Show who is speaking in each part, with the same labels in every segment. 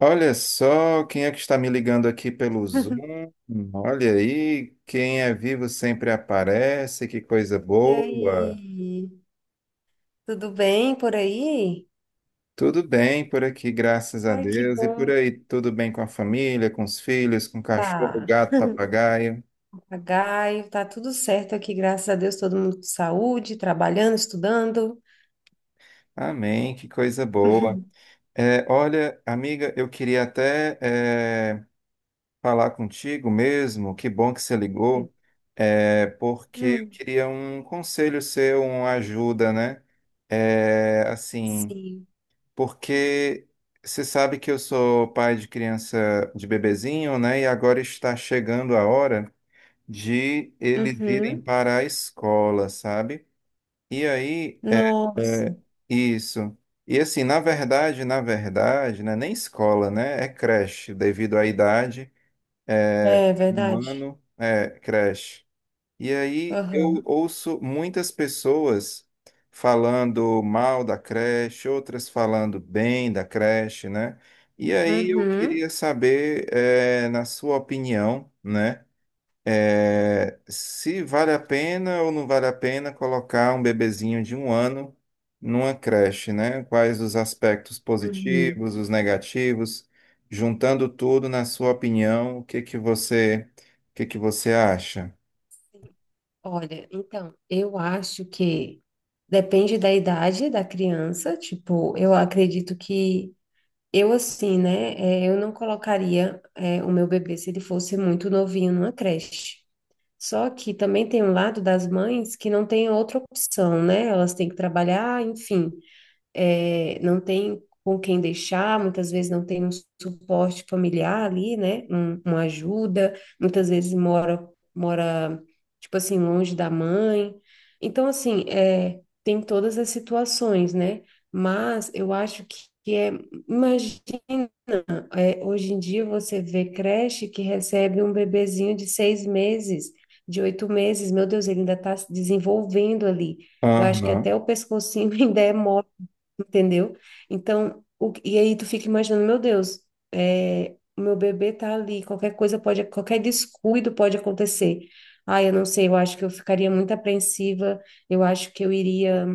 Speaker 1: Olha só quem é que está me ligando aqui pelo Zoom. Olha aí, quem é vivo sempre aparece, que coisa
Speaker 2: E
Speaker 1: boa.
Speaker 2: aí, tudo bem por aí?
Speaker 1: Tudo bem por aqui, graças a
Speaker 2: Ai, que
Speaker 1: Deus. E por
Speaker 2: bom.
Speaker 1: aí, tudo bem com a família, com os filhos, com o cachorro,
Speaker 2: Tá,
Speaker 1: gato, papagaio.
Speaker 2: papagaio, tá tudo certo aqui, graças a Deus, todo mundo com saúde, trabalhando, estudando.
Speaker 1: Amém, que coisa boa. É, olha, amiga, eu queria até falar contigo mesmo. Que bom que você ligou, é, porque eu
Speaker 2: Hum.
Speaker 1: queria um conselho seu, uma ajuda, né? É, assim,
Speaker 2: Sim.
Speaker 1: porque você sabe que eu sou pai de criança de bebezinho, né? E agora está chegando a hora de eles irem
Speaker 2: Uhum.
Speaker 1: para a escola, sabe? E aí, é
Speaker 2: Nossa,
Speaker 1: isso. E assim, na verdade, né? Nem escola, né? É creche, devido à idade,
Speaker 2: é
Speaker 1: um
Speaker 2: verdade.
Speaker 1: ano, é creche. E aí eu
Speaker 2: Aham.
Speaker 1: ouço muitas pessoas falando mal da creche, outras falando bem da creche, né? E aí eu
Speaker 2: Uhum.
Speaker 1: queria saber, na sua opinião, né? Se vale a pena ou não vale a pena colocar um bebezinho de um ano numa creche, né? Quais os aspectos
Speaker 2: Uhum.
Speaker 1: positivos, os negativos, juntando tudo, na sua opinião, o que que você acha?
Speaker 2: Olha, então, eu acho que depende da idade da criança, tipo, eu acredito que eu assim, né? Eu não colocaria o meu bebê se ele fosse muito novinho numa creche. Só que também tem um lado das mães que não tem outra opção, né? Elas têm que trabalhar, enfim é, não tem com quem deixar, muitas vezes não tem um suporte familiar ali, né? Uma ajuda, muitas vezes mora, tipo assim, longe da mãe. Então, assim, é, tem todas as situações, né? Mas eu acho que é, imagina, é, hoje em dia você vê creche que recebe um bebezinho de 6 meses, de 8 meses, meu Deus, ele ainda está se desenvolvendo ali. Eu acho que até
Speaker 1: Aham.
Speaker 2: o pescocinho ainda é mole. Entendeu? Então, e aí tu fica imaginando, meu Deus, é, o meu bebê tá ali, qualquer coisa pode, qualquer descuido pode acontecer. Ah, eu não sei, eu acho que eu ficaria muito apreensiva, eu acho que eu iria.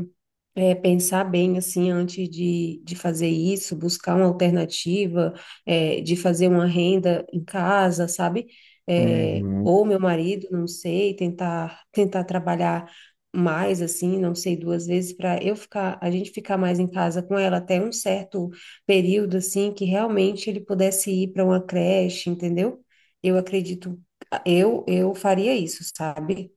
Speaker 2: Pensar bem assim antes de fazer isso, buscar uma alternativa, é, de fazer uma renda em casa, sabe? É,
Speaker 1: Uhum,
Speaker 2: ou meu marido, não sei, tentar trabalhar mais assim, não sei, 2 vezes para eu ficar, a gente ficar mais em casa com ela até um certo período assim que realmente ele pudesse ir para uma creche, entendeu? Eu acredito, eu faria isso, sabe?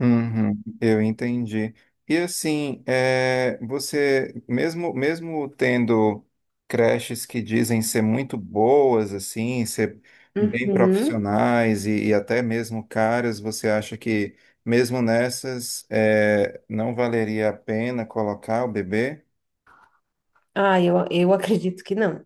Speaker 1: uhum, eu entendi. E assim, é, você, mesmo tendo creches que dizem ser muito boas, assim, ser bem
Speaker 2: Uhum.
Speaker 1: profissionais e até mesmo caras, você acha que mesmo nessas, é, não valeria a pena colocar o bebê?
Speaker 2: Ah, eu acredito que não.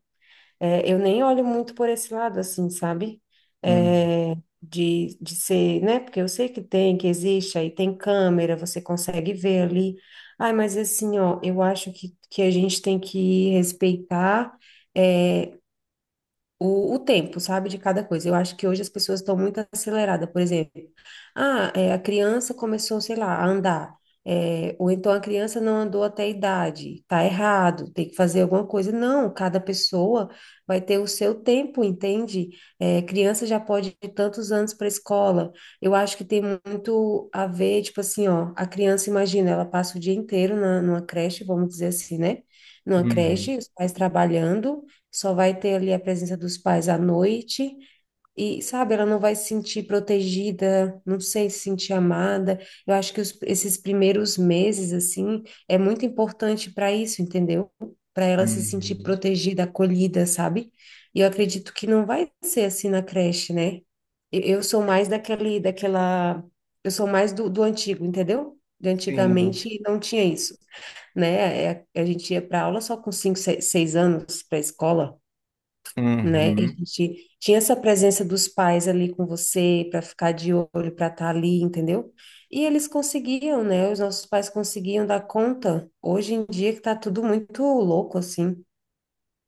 Speaker 2: É, eu nem olho muito por esse lado, assim, sabe?
Speaker 1: Uhum,
Speaker 2: É, de ser, né? Porque eu sei que tem, que existe, aí tem câmera, você consegue ver ali. Ai, mas assim, ó, eu acho que a gente tem que respeitar, é, o tempo, sabe, de cada coisa. Eu acho que hoje as pessoas estão muito aceleradas, por exemplo. Ah, é, a criança começou, sei lá, a andar. É, ou então a criança não andou até a idade, tá errado, tem que fazer alguma coisa. Não, cada pessoa vai ter o seu tempo, entende? É, criança já pode ir tantos anos para a escola. Eu acho que tem muito a ver, tipo assim, ó, a criança, imagina, ela passa o dia inteiro na, numa creche, vamos dizer assim, né? Numa
Speaker 1: uhum,
Speaker 2: creche, os pais trabalhando só vai ter ali a presença dos pais à noite e, sabe, ela não vai se sentir protegida, não sei, se sentir amada. Eu acho que esses primeiros meses, assim, é muito importante para isso, entendeu? Para ela se sentir
Speaker 1: uhum.
Speaker 2: protegida, acolhida, sabe? E eu acredito que não vai ser assim na creche, né? Eu sou mais daquele, daquela, eu sou mais do antigo, entendeu? De
Speaker 1: Sim.
Speaker 2: antigamente não tinha isso, né? É, a gente ia para aula só com cinco, seis anos para a escola, né? E a
Speaker 1: Uhum.
Speaker 2: gente tinha essa presença dos pais ali com você para ficar de olho, para estar ali, entendeu? E eles conseguiam, né? Os nossos pais conseguiam dar conta. Hoje em dia que tá tudo muito louco assim.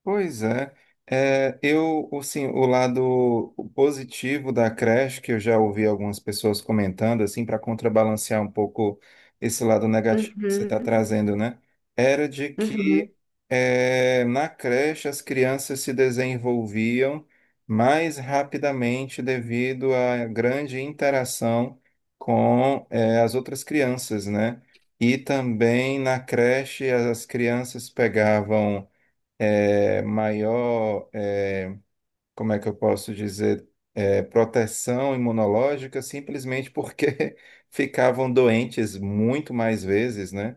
Speaker 1: Pois é. É, eu, assim, o lado positivo da creche, que eu já ouvi algumas pessoas comentando, assim, para contrabalancear um pouco esse lado negativo que você está
Speaker 2: Uhum,
Speaker 1: trazendo, né? Era de
Speaker 2: uhum,
Speaker 1: que é, na creche as crianças se desenvolviam mais rapidamente devido à grande interação com é, as outras crianças, né? E também na creche as crianças pegavam é, maior, é, como é que eu posso dizer, é, proteção imunológica, simplesmente porque ficavam doentes muito mais vezes, né?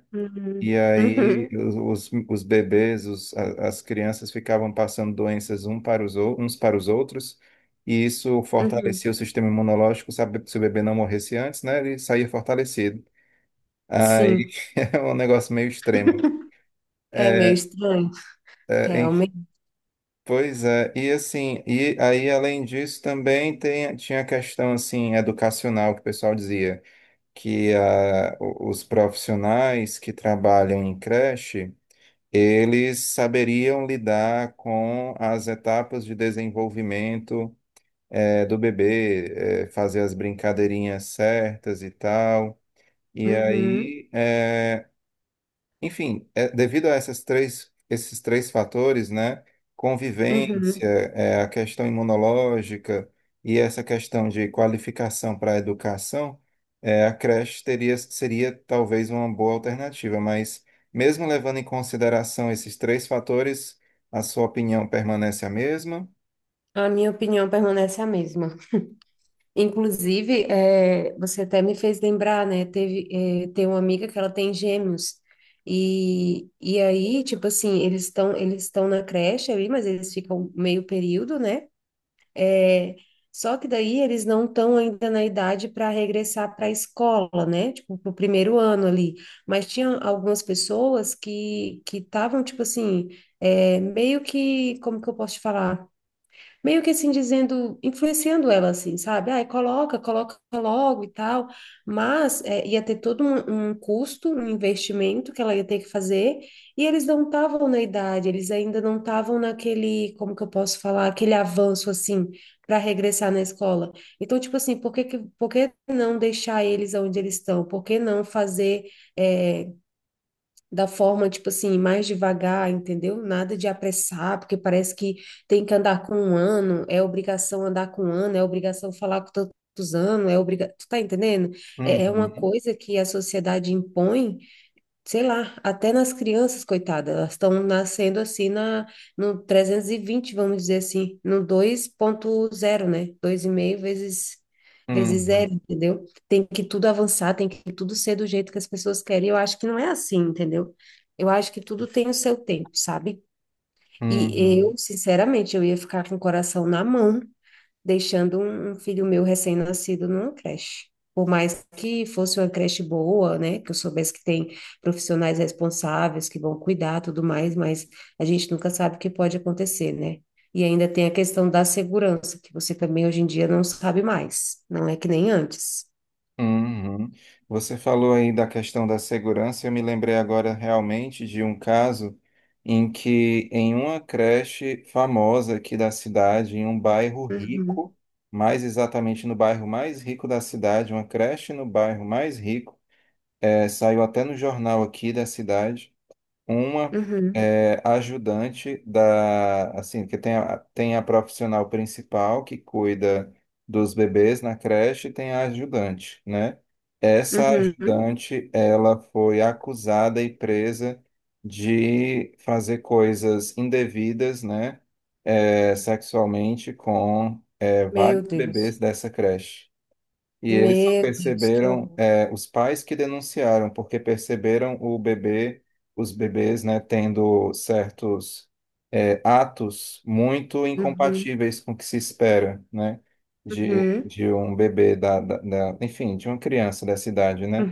Speaker 1: E
Speaker 2: uhum,
Speaker 1: aí
Speaker 2: uhum,
Speaker 1: os bebês, as crianças ficavam passando doenças um para os, uns para os outros, e isso
Speaker 2: uhum.
Speaker 1: fortalecia o sistema imunológico, sabe, se o bebê não morresse antes, né? Ele saía fortalecido. Aí
Speaker 2: Sim,
Speaker 1: é um negócio meio extremo.
Speaker 2: é meio
Speaker 1: É,
Speaker 2: estranho,
Speaker 1: é,
Speaker 2: realmente.
Speaker 1: Pois é, e assim, e aí além disso também tem, tinha a questão assim educacional que o pessoal dizia que ah, os profissionais que trabalham em creche, eles saberiam lidar com as etapas de desenvolvimento do bebê, fazer as brincadeirinhas certas e tal. E
Speaker 2: Uhum,
Speaker 1: aí enfim, é, devido a esses três fatores, né? Convivência,
Speaker 2: uhum.
Speaker 1: é, a questão imunológica e essa questão de qualificação para a educação, é, seria talvez uma boa alternativa, mas mesmo levando em consideração esses três fatores, a sua opinião permanece a mesma?
Speaker 2: A minha opinião permanece a mesma. Inclusive, você até me fez lembrar, né? Teve, tem uma amiga que ela tem gêmeos. E aí, tipo assim, eles estão na creche ali, mas eles ficam meio período, né? Eh, Só que daí eles não estão ainda na idade para regressar para a escola, né? Tipo, pro primeiro ano ali. Mas tinha algumas pessoas que estavam, tipo assim, é meio que, como que eu posso te falar? Meio que assim dizendo, influenciando ela assim, sabe? Ai, coloca, coloca logo e tal, mas é, ia ter todo um custo, um investimento que ela ia ter que fazer, e eles não estavam na idade, eles ainda não estavam naquele, como que eu posso falar, aquele avanço assim para regressar na escola. Então, tipo assim, por que não deixar eles onde eles estão? Por que não fazer é, da forma, tipo assim, mais devagar, entendeu? Nada de apressar, porque parece que tem que andar com um ano, é obrigação andar com um ano, é obrigação falar com tantos anos, é obrigação. Tu tá entendendo? É, é uma
Speaker 1: Uhum,
Speaker 2: coisa que a sociedade impõe, sei lá, até nas crianças, coitadas, elas estão nascendo assim na, no 320, vamos dizer assim, no 2.0, né? Dois e meio vezes, vezes
Speaker 1: uhum,
Speaker 2: zero, entendeu? Tem que tudo avançar, tem que tudo ser do jeito que as pessoas querem. Eu acho que não é assim, entendeu? Eu acho que tudo tem o seu tempo, sabe? E eu,
Speaker 1: uhum.
Speaker 2: sinceramente, eu ia ficar com o coração na mão deixando um filho meu recém-nascido numa creche. Por mais que fosse uma creche boa, né, que eu soubesse que tem profissionais responsáveis que vão cuidar, tudo mais, mas a gente nunca sabe o que pode acontecer, né? E ainda tem a questão da segurança, que você também hoje em dia não sabe mais, não é que nem antes.
Speaker 1: Uhum. Você falou aí da questão da segurança. Eu me lembrei agora realmente de um caso em que, em uma creche famosa aqui da cidade, em um bairro
Speaker 2: Uhum,
Speaker 1: rico, mais exatamente no bairro mais rico da cidade, uma creche no bairro mais rico, saiu até no jornal aqui da cidade uma
Speaker 2: uhum,
Speaker 1: é, ajudante da, assim, que tem a, tem a profissional principal que cuida dos bebês na creche e tem a ajudante, né? Essa
Speaker 2: uhum.
Speaker 1: ajudante, ela foi acusada e presa de fazer coisas indevidas, né? é, sexualmente com é,
Speaker 2: Meu
Speaker 1: vários
Speaker 2: Deus,
Speaker 1: bebês dessa creche. E eles só
Speaker 2: meu Deus, que
Speaker 1: perceberam,
Speaker 2: horror.
Speaker 1: é, os pais que denunciaram, porque perceberam o bebê, os bebês, né, tendo certos, é, atos muito
Speaker 2: Uhum,
Speaker 1: incompatíveis com o que se espera, né,
Speaker 2: uhum,
Speaker 1: de um bebê enfim, de uma criança dessa idade, né?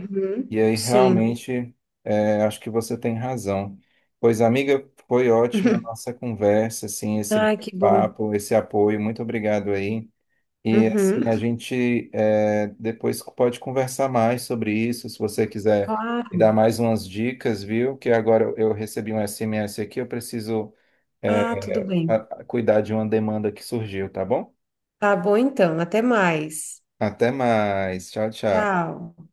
Speaker 1: E aí
Speaker 2: Sim.
Speaker 1: realmente, é, acho que você tem razão. Pois, amiga, foi ótima a nossa conversa, assim, esse
Speaker 2: Ai, que bom.
Speaker 1: papo, esse apoio. Muito obrigado aí. E
Speaker 2: Uhum.
Speaker 1: assim, a gente é, depois pode conversar mais sobre isso, se você quiser me dar
Speaker 2: Claro.
Speaker 1: mais umas dicas, viu? Que agora eu recebi um SMS aqui, eu preciso
Speaker 2: Ah,
Speaker 1: é,
Speaker 2: tudo
Speaker 1: a-
Speaker 2: bem.
Speaker 1: cuidar de uma demanda que surgiu, tá bom?
Speaker 2: Tá bom então. Até mais.
Speaker 1: Até mais. Tchau, tchau.
Speaker 2: Tchau.